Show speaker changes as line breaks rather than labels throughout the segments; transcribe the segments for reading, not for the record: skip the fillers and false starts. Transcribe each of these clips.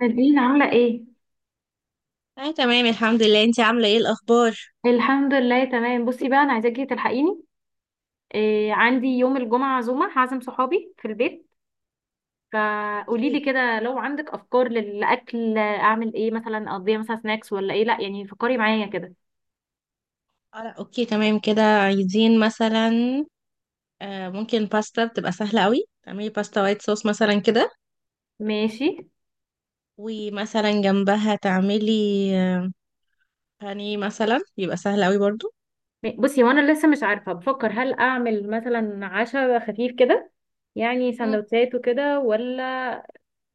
نادين عاملة ايه؟
اه، تمام. الحمد لله. انتي عاملة ايه الأخبار؟
الحمد لله تمام. بصي بقى، انا عايزاكي تلحقيني. إيه، عندي يوم الجمعة عزومة، هعزم صحابي في البيت. فقولي لي
اوكي.
كده، لو عندك افكار للاكل، اعمل ايه مثلا؟ اقضيها مثلا سناكس ولا ايه؟ لا يعني فكري معايا كده.
اه، لا، اوكي، تمام كده. عايزين مثلا ممكن باستا، بتبقى سهلة قوي. تعملي باستا وايت صوص مثلا كده،
ماشي.
ومثلا جنبها تعملي آه بانيه مثلا، يبقى سهل قوي برضو.
بصي، وانا لسه مش عارفة، بفكر هل اعمل مثلا عشاء خفيف كده، يعني
مم.
سندوتشات وكده، ولا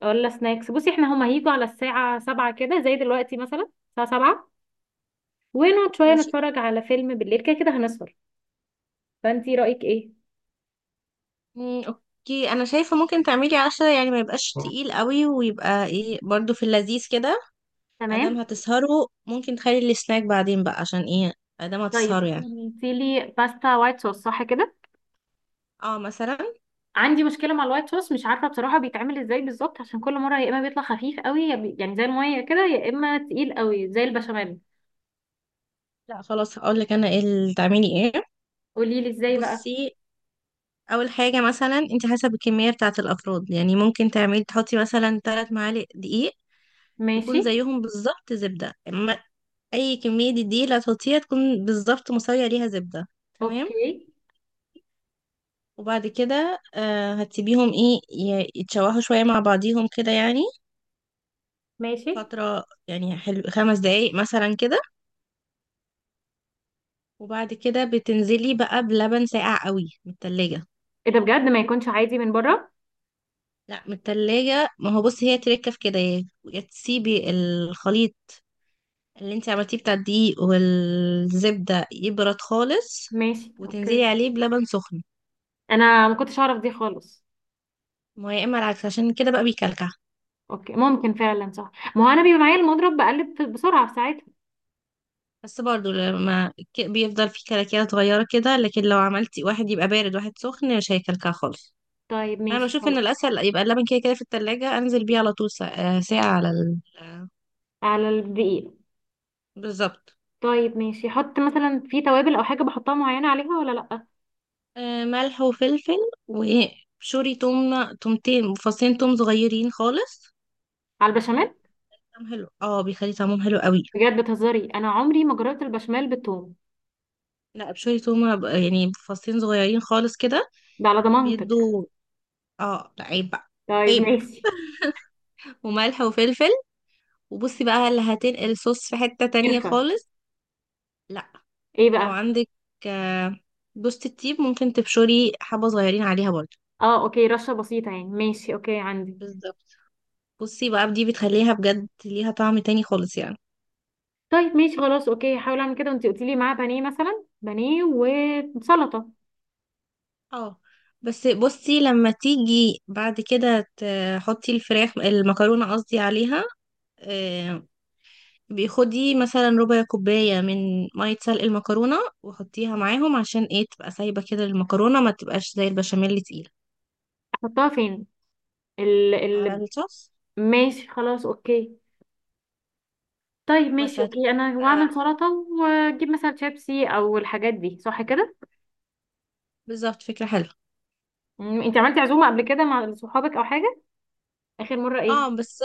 ولا سناكس. بصي احنا هما هيجوا على الساعة سبعة كده، زي دلوقتي مثلا الساعة سبعة. ونقعد شوية
ماشي.
نتفرج على فيلم بالليل، كده كده هنسهر. فانتي رأيك ايه؟
مم، اوكي، انا شايفة ممكن تعملي عشرة يعني، ما يبقاش تقيل قوي، ويبقى ايه برضو في اللذيذ كده.
تمام.
ادام هتسهروا ممكن تخلي السناك بعدين بقى، عشان ايه، ادام
طيب
هتسهروا يعني.
قلتي لي باستا وايت صوص، صح كده؟
اه، مثلا.
عندي مشكله مع الوايت صوص، مش عارفه بصراحه بيتعمل ازاي بالظبط، عشان كل مره يا اما بيطلع خفيف قوي، يا يعني زي الميه كده، يا اما تقيل قوي زي البشاميل.
لا خلاص، هقول لك انا ايه اللي تعملي ايه.
قولي لي ازاي بقى.
بصي، اول حاجه مثلا انت حسب الكميه بتاعه الافراد، يعني ممكن تحطي مثلا 3 معالق دقيق،
ماشي.
يكون زيهم بالظبط زبده. اما اي كميه دقيق اللي هتحطيها، تكون بالظبط مساويه ليها زبده. تمام.
اوكي.
وبعد كده هتسيبيهم ايه يتشوحوا شويه مع بعضيهم كده يعني،
ماشي.
فتره يعني حلو، 5 دقايق مثلا كده. وبعد كده بتنزلي بقى بلبن ساقع قوي من التلاجة.
ايه ده بجد؟ ما يكونش عادي من بره؟
لا، من التلاجة. ما هو بصي هي تركه في كده، يا تسيبي الخليط اللي انت عملتيه بتاع الدقيق والزبدة يبرد خالص،
ماشي اوكي.
وتنزلي عليه بلبن سخن.
انا ما كنتش اعرف دي خالص.
ما هو يا اما العكس، عشان كده بقى بيكلكع.
اوكي ممكن فعلا صح، ما هو انا بيبقى معايا المضرب بقلب بسرعه في ساعتها.
بس برضو لما بيفضل فيه كلاكيع صغيرة كده، لكن لو عملتي واحد يبقى بارد واحد سخن مش هيكلكع خالص.
طيب
انا
ماشي
بشوف ان
خلاص.
الاسهل يبقى اللبن كده كده في التلاجة، انزل بيه على طول ساعة، ساعة على ال... آه،
على الدقيق.
بالظبط.
طيب ماشي، حط مثلا في توابل او حاجه بحطها معينه عليها ولا لا؟
آه، ملح وفلفل، وشوري توم، تومتين، فصين توم صغيرين خالص.
على البشاميل؟
طعم حلو، اه، بيخلي طعمهم حلو قوي.
بجد بتهزري؟ انا عمري ما جربت البشاميل بالثوم.
لا، بشوية تومة، يعني فصين صغيرين خالص كده.
ده على ضمانتك.
بيدوا. اه، لا عيب بقى.
طيب
عيب.
ماشي.
وملح وفلفل. وبصي بقى اللي هتنقل الصوص في حتة تانية
قرفه؟
خالص. لا.
ايه
لو
بقى؟
عندك آه، جوزة الطيب، ممكن تبشري حبة صغيرين عليها برضه.
اه اوكي، رشه بسيطه يعني؟ ماشي اوكي عندي.
بالظبط. بصي بقى دي بتخليها بجد ليها طعم تاني خالص يعني.
طيب ماشي خلاص. اوكي، هحاول اعمل كده، وانتي قلتي لي معاه بانيه مثلا، بانيه وسلطه.
اه، بس بصي لما تيجي بعد كده تحطي المكرونة، قصدي، عليها، آه، بيخدي مثلا ربع كوباية من مية سلق المكرونة، وحطيها معاهم عشان ايه، تبقى سايبة كده المكرونة، ما تبقاش زي البشاميل تقيلة.
احطها فين؟ ال
على
ال
الصوص.
ماشي خلاص اوكي. طيب
بس
ماشي
هتبقى
اوكي، انا واعمل
كده-
سلطه، واجيب مثلا شيبسي او الحاجات دي، صح كده؟
بالظبط. فكرة حلوة.
انت عملتي عزومه قبل كده مع صحابك او حاجه؟ اخر مره ايه؟
اه بس،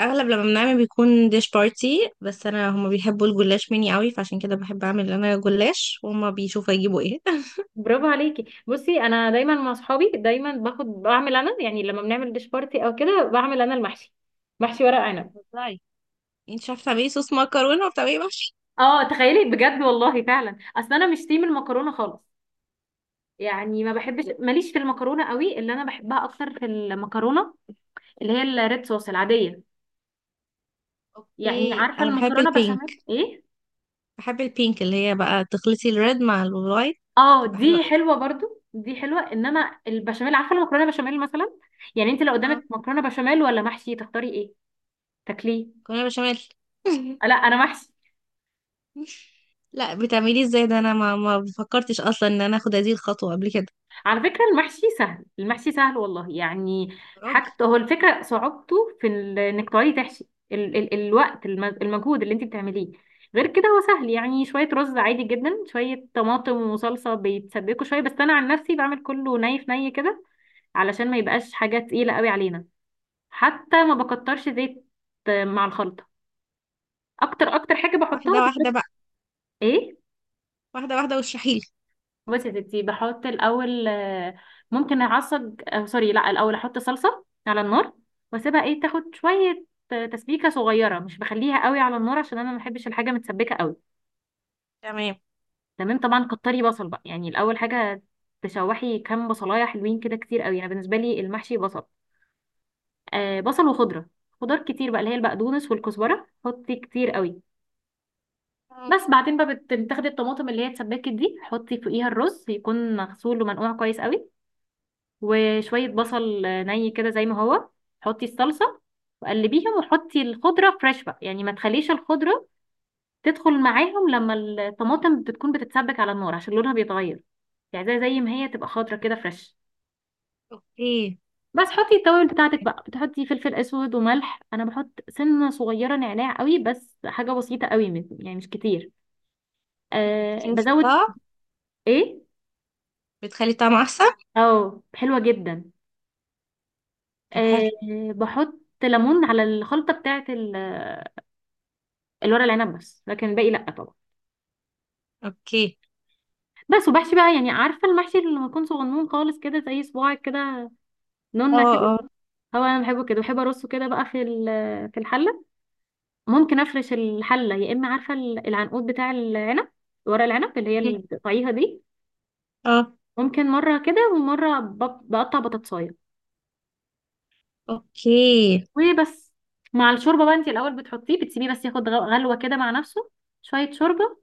اغلب لما بنعمل بيكون ديش بارتي، بس انا هما بيحبوا الجلاش مني قوي، فعشان كده بحب اعمل انا جلاش، وهما بيشوفوا يجيبوا ايه.
برافو عليكي. بصي انا دايما مع اصحابي، دايما باخد بعمل انا يعني، لما بنعمل ديش بارتي او كده، بعمل انا المحشي، محشي ورق عنب.
بتهزري، انت مش عارفه تعملي صوص مكرونه وبتعملي محشي.
اه تخيلي بجد، والله فعلا. اصل انا مش تيم المكرونه خالص، يعني ما بحبش، ماليش في المكرونه قوي. اللي انا بحبها اكتر في المكرونه، اللي هي الريد صوص العاديه. يعني
اوكي،
عارفه
انا بحب
المكرونه بشاميل
البينك.
ايه؟
بحب البينك، اللي هي بقى تخلطي الريد مع الوايت،
اه
تبقى حلوه
دي
قوي.
حلوه برضو، دي حلوه، انما البشاميل، عارفه المكرونه بشاميل مثلا. يعني انت لو
اه.
قدامك مكرونه بشاميل ولا محشي، تختاري ايه؟ تاكليه؟
مكرونه بشاميل.
لا انا محشي.
لا، بتعمليه ازاي؟ ده انا ما فكرتش اصلا ان انا اخد هذه الخطوه قبل كده.
على فكره المحشي سهل، المحشي سهل والله يعني.
راجل.
حاجته هو الفكره صعوبته انك تقعدي تحشي، ال ال الوقت، المجهود اللي انت بتعمليه. غير كده هو سهل يعني، شويه رز عادي جدا، شويه طماطم وصلصه بيتسبكوا شويه. بس انا عن نفسي بعمل كله ني في ني كده، علشان ما يبقاش حاجه تقيله قوي علينا. حتى ما بكترش زيت مع الخلطه. اكتر حاجه
واحده
بحطها
واحده
بتكون
بقى.
ايه؟
واحده واحده، واشرحيلي.
بصي يا ستي، بحط الاول ممكن اعصج سوري، لا الاول احط صلصه على النار، واسيبها ايه تاخد شويه تسبيكه صغيره، مش بخليها قوي على النار عشان انا ما بحبش الحاجه متسبكه قوي.
تمام.
تمام طبعا. كتري بصل بقى، يعني الاول حاجه تشوحي كام بصلايه حلوين كده، كتير قوي، انا بالنسبه لي المحشي بصل. آه بصل وخضره، خضار كتير بقى، اللي هي البقدونس والكزبره، حطي كتير قوي.
مم.
بس بعدين بقى بتاخدي الطماطم اللي هي اتسبكت دي، حطي فوقيها الرز، يكون مغسول ومنقوع كويس قوي، وشوية بصل ني كده زي ما هو. حطي الصلصة وقلبيهم، وحطي الخضرة فريش بقى، يعني ما تخليش الخضرة تدخل معاهم لما الطماطم بتكون بتتسبك على النار عشان لونها بيتغير، يعني زي ما هي تبقى خضرة كده فريش.
اوكي.
بس حطي التوابل بتاعتك بقى، بتحطي فلفل اسود وملح، انا بحط سنة صغيرة نعناع قوي، بس حاجة بسيطة قوي، يعني مش كتير. أه بزود.
بتفضى.
ايه؟
بتخلي الطعم احسن.
اه حلوة جدا.
طب حلو.
أه. بحط ليمون على الخلطة بتاعت الورق العنب بس، لكن الباقي لا طبعا.
اوكي.
بس وبحشي بقى. يعني عارفه المحشي اللي لما يكون صغنون خالص كده، زي صباعك كده، نونه
اه،
كده.
اه.
هو انا بحبه كده، بحب ارصه كده بقى في الحله. ممكن افرش الحله يا اما عارفه العنقود بتاع العنب، ورق العنب اللي هي
مم.
اللي بتقطعيها دي.
اه.
ممكن مره كده ومره بقطع بطاطسايه.
اوكي.
وبس مع الشوربه بقى، انت الاول بتحطيه بتسيبيه بس ياخد غلوه كده مع نفسه، شويه شوربه.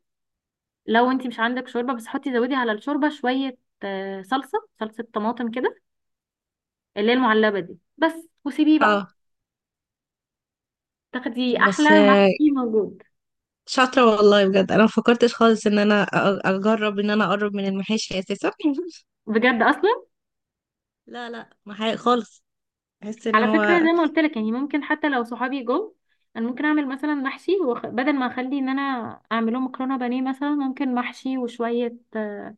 لو انت مش عندك شوربه بس، حطي زودي على الشوربه شويه صلصه طماطم كده، اللي هي المعلبه دي بس. وسيبيه بقى
اه
تاخدي
بس،
احلى محشي موجود.
شاطره والله، بجد انا ما فكرتش خالص ان انا اجرب ان انا اقرب من المحاشي اساسا.
بجد اصلا.
لا، لا، محاشي خالص. بحس ان
على فكره
هو
زي ما قلت لك يعني، ممكن حتى لو صحابي جو، انا ممكن اعمل مثلا محشي بدل ما اخلي ان انا اعمله مكرونه بانيه مثلا، ممكن محشي وشويه آه،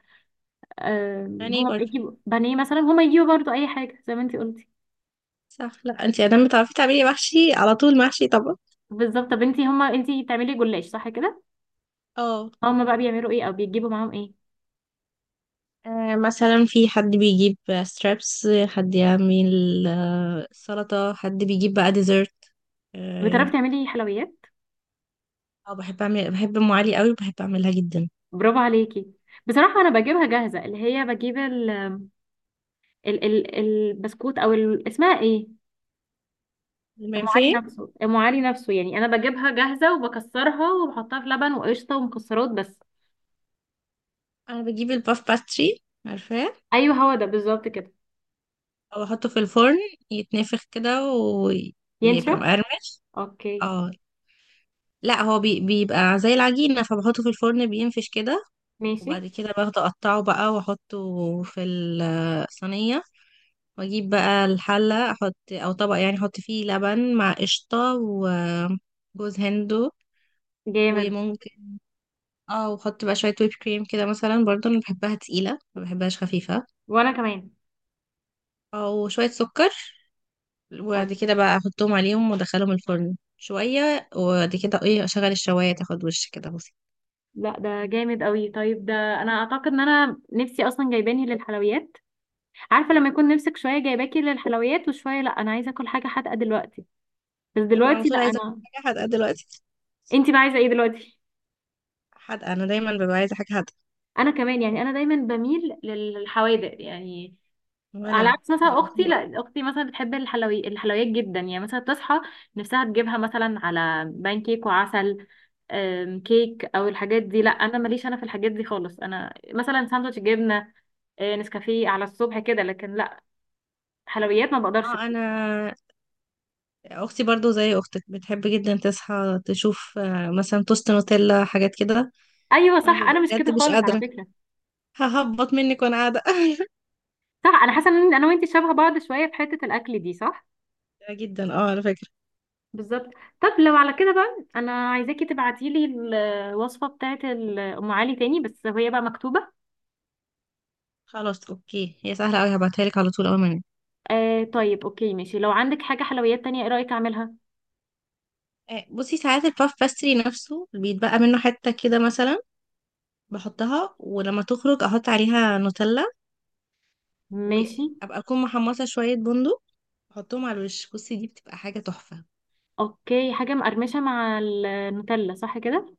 آه،
يعني.
هما يجيبوا بانيه مثلا، هما يجيبوا برضو اي حاجه زي ما انتي قلتي.
صح، لا، انتي ادام بتعرفي تعملي محشي على طول، محشي طبعا.
بالظبط. طب انتي بتعملي جلاش صح كده؟
اه.
هما بقى بيعملوا ايه او بيجيبوا معاهم ايه؟
مثلا في حد بيجيب ستريبس، حد يعمل سلطة، حد بيجيب بقى ديزرت. اه.
بتعرفي تعملي حلويات؟
بحب ام علي قوي، وبحب اعملها جدا.
برافو عليكي. بصراحه انا بجيبها جاهزه، اللي هي بجيب ال- ال ال البسكوت، او اسمها ايه؟ ام علي
المنفيه.
نفسه ام علي نفسه يعني، انا بجيبها جاهزه وبكسرها، وبحطها في لبن وقشطه ومكسرات بس.
انا بجيب الباف باستري، عارفاه،
ايوه هو ده بالظبط كده.
او احطه في الفرن، يتنفخ كده ويبقى
ينشف.
مقرمش.
اوكي.
اه. لا، هو بيبقى زي العجينة، فبحطه في الفرن بينفش كده،
ماشي.
وبعد كده باخده اقطعه بقى واحطه في الصينية. واجيب بقى الحلة، احط او طبق يعني، احط فيه لبن مع قشطة وجوز هندو
جامد.
وممكن، اه وحط بقى شوية ويب كريم كده مثلا برضه، انا بحبها تقيلة، ما بحبهاش خفيفة،
وانا كمان.
او شوية سكر. وبعد
أوك.
كده بقى احطهم عليهم وادخلهم الفرن شوية، وبعد كده ايه اشغل الشواية تاخد وش كده. بصي،
لا ده جامد قوي. طيب ده انا اعتقد ان انا نفسي اصلا جايباني للحلويات. عارفه لما يكون نفسك شويه جايباكي للحلويات وشويه لا، انا عايزه اكل حاجه حادقه دلوقتي. بس
انا على
دلوقتي لا
طول عايزة
انا.
حاجة حادقة دلوقتي.
انتي بقى عايزه ايه دلوقتي؟
حادقة، انا دايما ببقى عايزة حاجة حادقة.
انا كمان، يعني انا دايما بميل للحوادق يعني. على
وانا
عكس مثلا اختي،
بحبهم.
لا اختي مثلا بتحب الحلويات جدا يعني، مثلا تصحى نفسها تجيبها مثلا على بان كيك وعسل، كيك او الحاجات دي. لا انا ماليش انا في الحاجات دي خالص، انا مثلا ساندوتش جبنه نسكافيه على الصبح كده، لكن لا حلويات ما بقدرش.
اه. انا اختي برضو زي اختك، بتحب جدا تصحى تشوف مثلا توست نوتيلا، حاجات كده.
ايوه
وانا
صح، انا
ببقى
مش
بجد
كده
مش
خالص على
قادره،
فكره.
ههبط منك وانا قاعده.
صح، انا حاسه ان انا وانتي شبه بعض شويه في حته الاكل دي، صح.
جدا، اه، على فكره.
بالظبط. طب لو على كده بقى، انا عايزاكي تبعتيلي الوصفه بتاعت ام علي تاني، بس هي بقى مكتوبه.
خلاص اوكي، هي سهله قوي، هبعتها لك على طول اول ما انام.
آه طيب اوكي ماشي. لو عندك حاجة حلويات تانية، ايه رأيك اعملها؟
بصي، ساعات الباف باستري نفسه بيتبقى منه حته كده مثلا، بحطها ولما تخرج احط عليها نوتيلا،
ماشي.
وابقى اكون محمصه شويه بندق، احطهم على الوش، بصي دي بتبقى حاجه تحفه.
اوكي، حاجة مقرمشة مع النوتيلا صح كده؟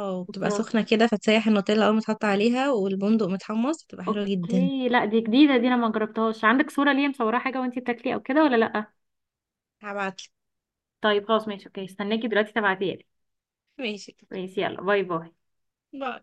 اه، بتبقى
والسلطة.
سخنة كده فتسيح النوتيلا أول ما تحط عليها، والبندق متحمص، بتبقى حلوة جدا.
اوكي، لا دي جديدة، دي انا ما جربتهاش. عندك صورة ليا مصورة حاجة وانتي بتاكلي او كده ولا لا؟
هبعتلك.
طيب خلاص ماشي اوكي، استناكي دلوقتي تبعتيها لي.
ماشي.
ماشي يلا، باي باي.
باي.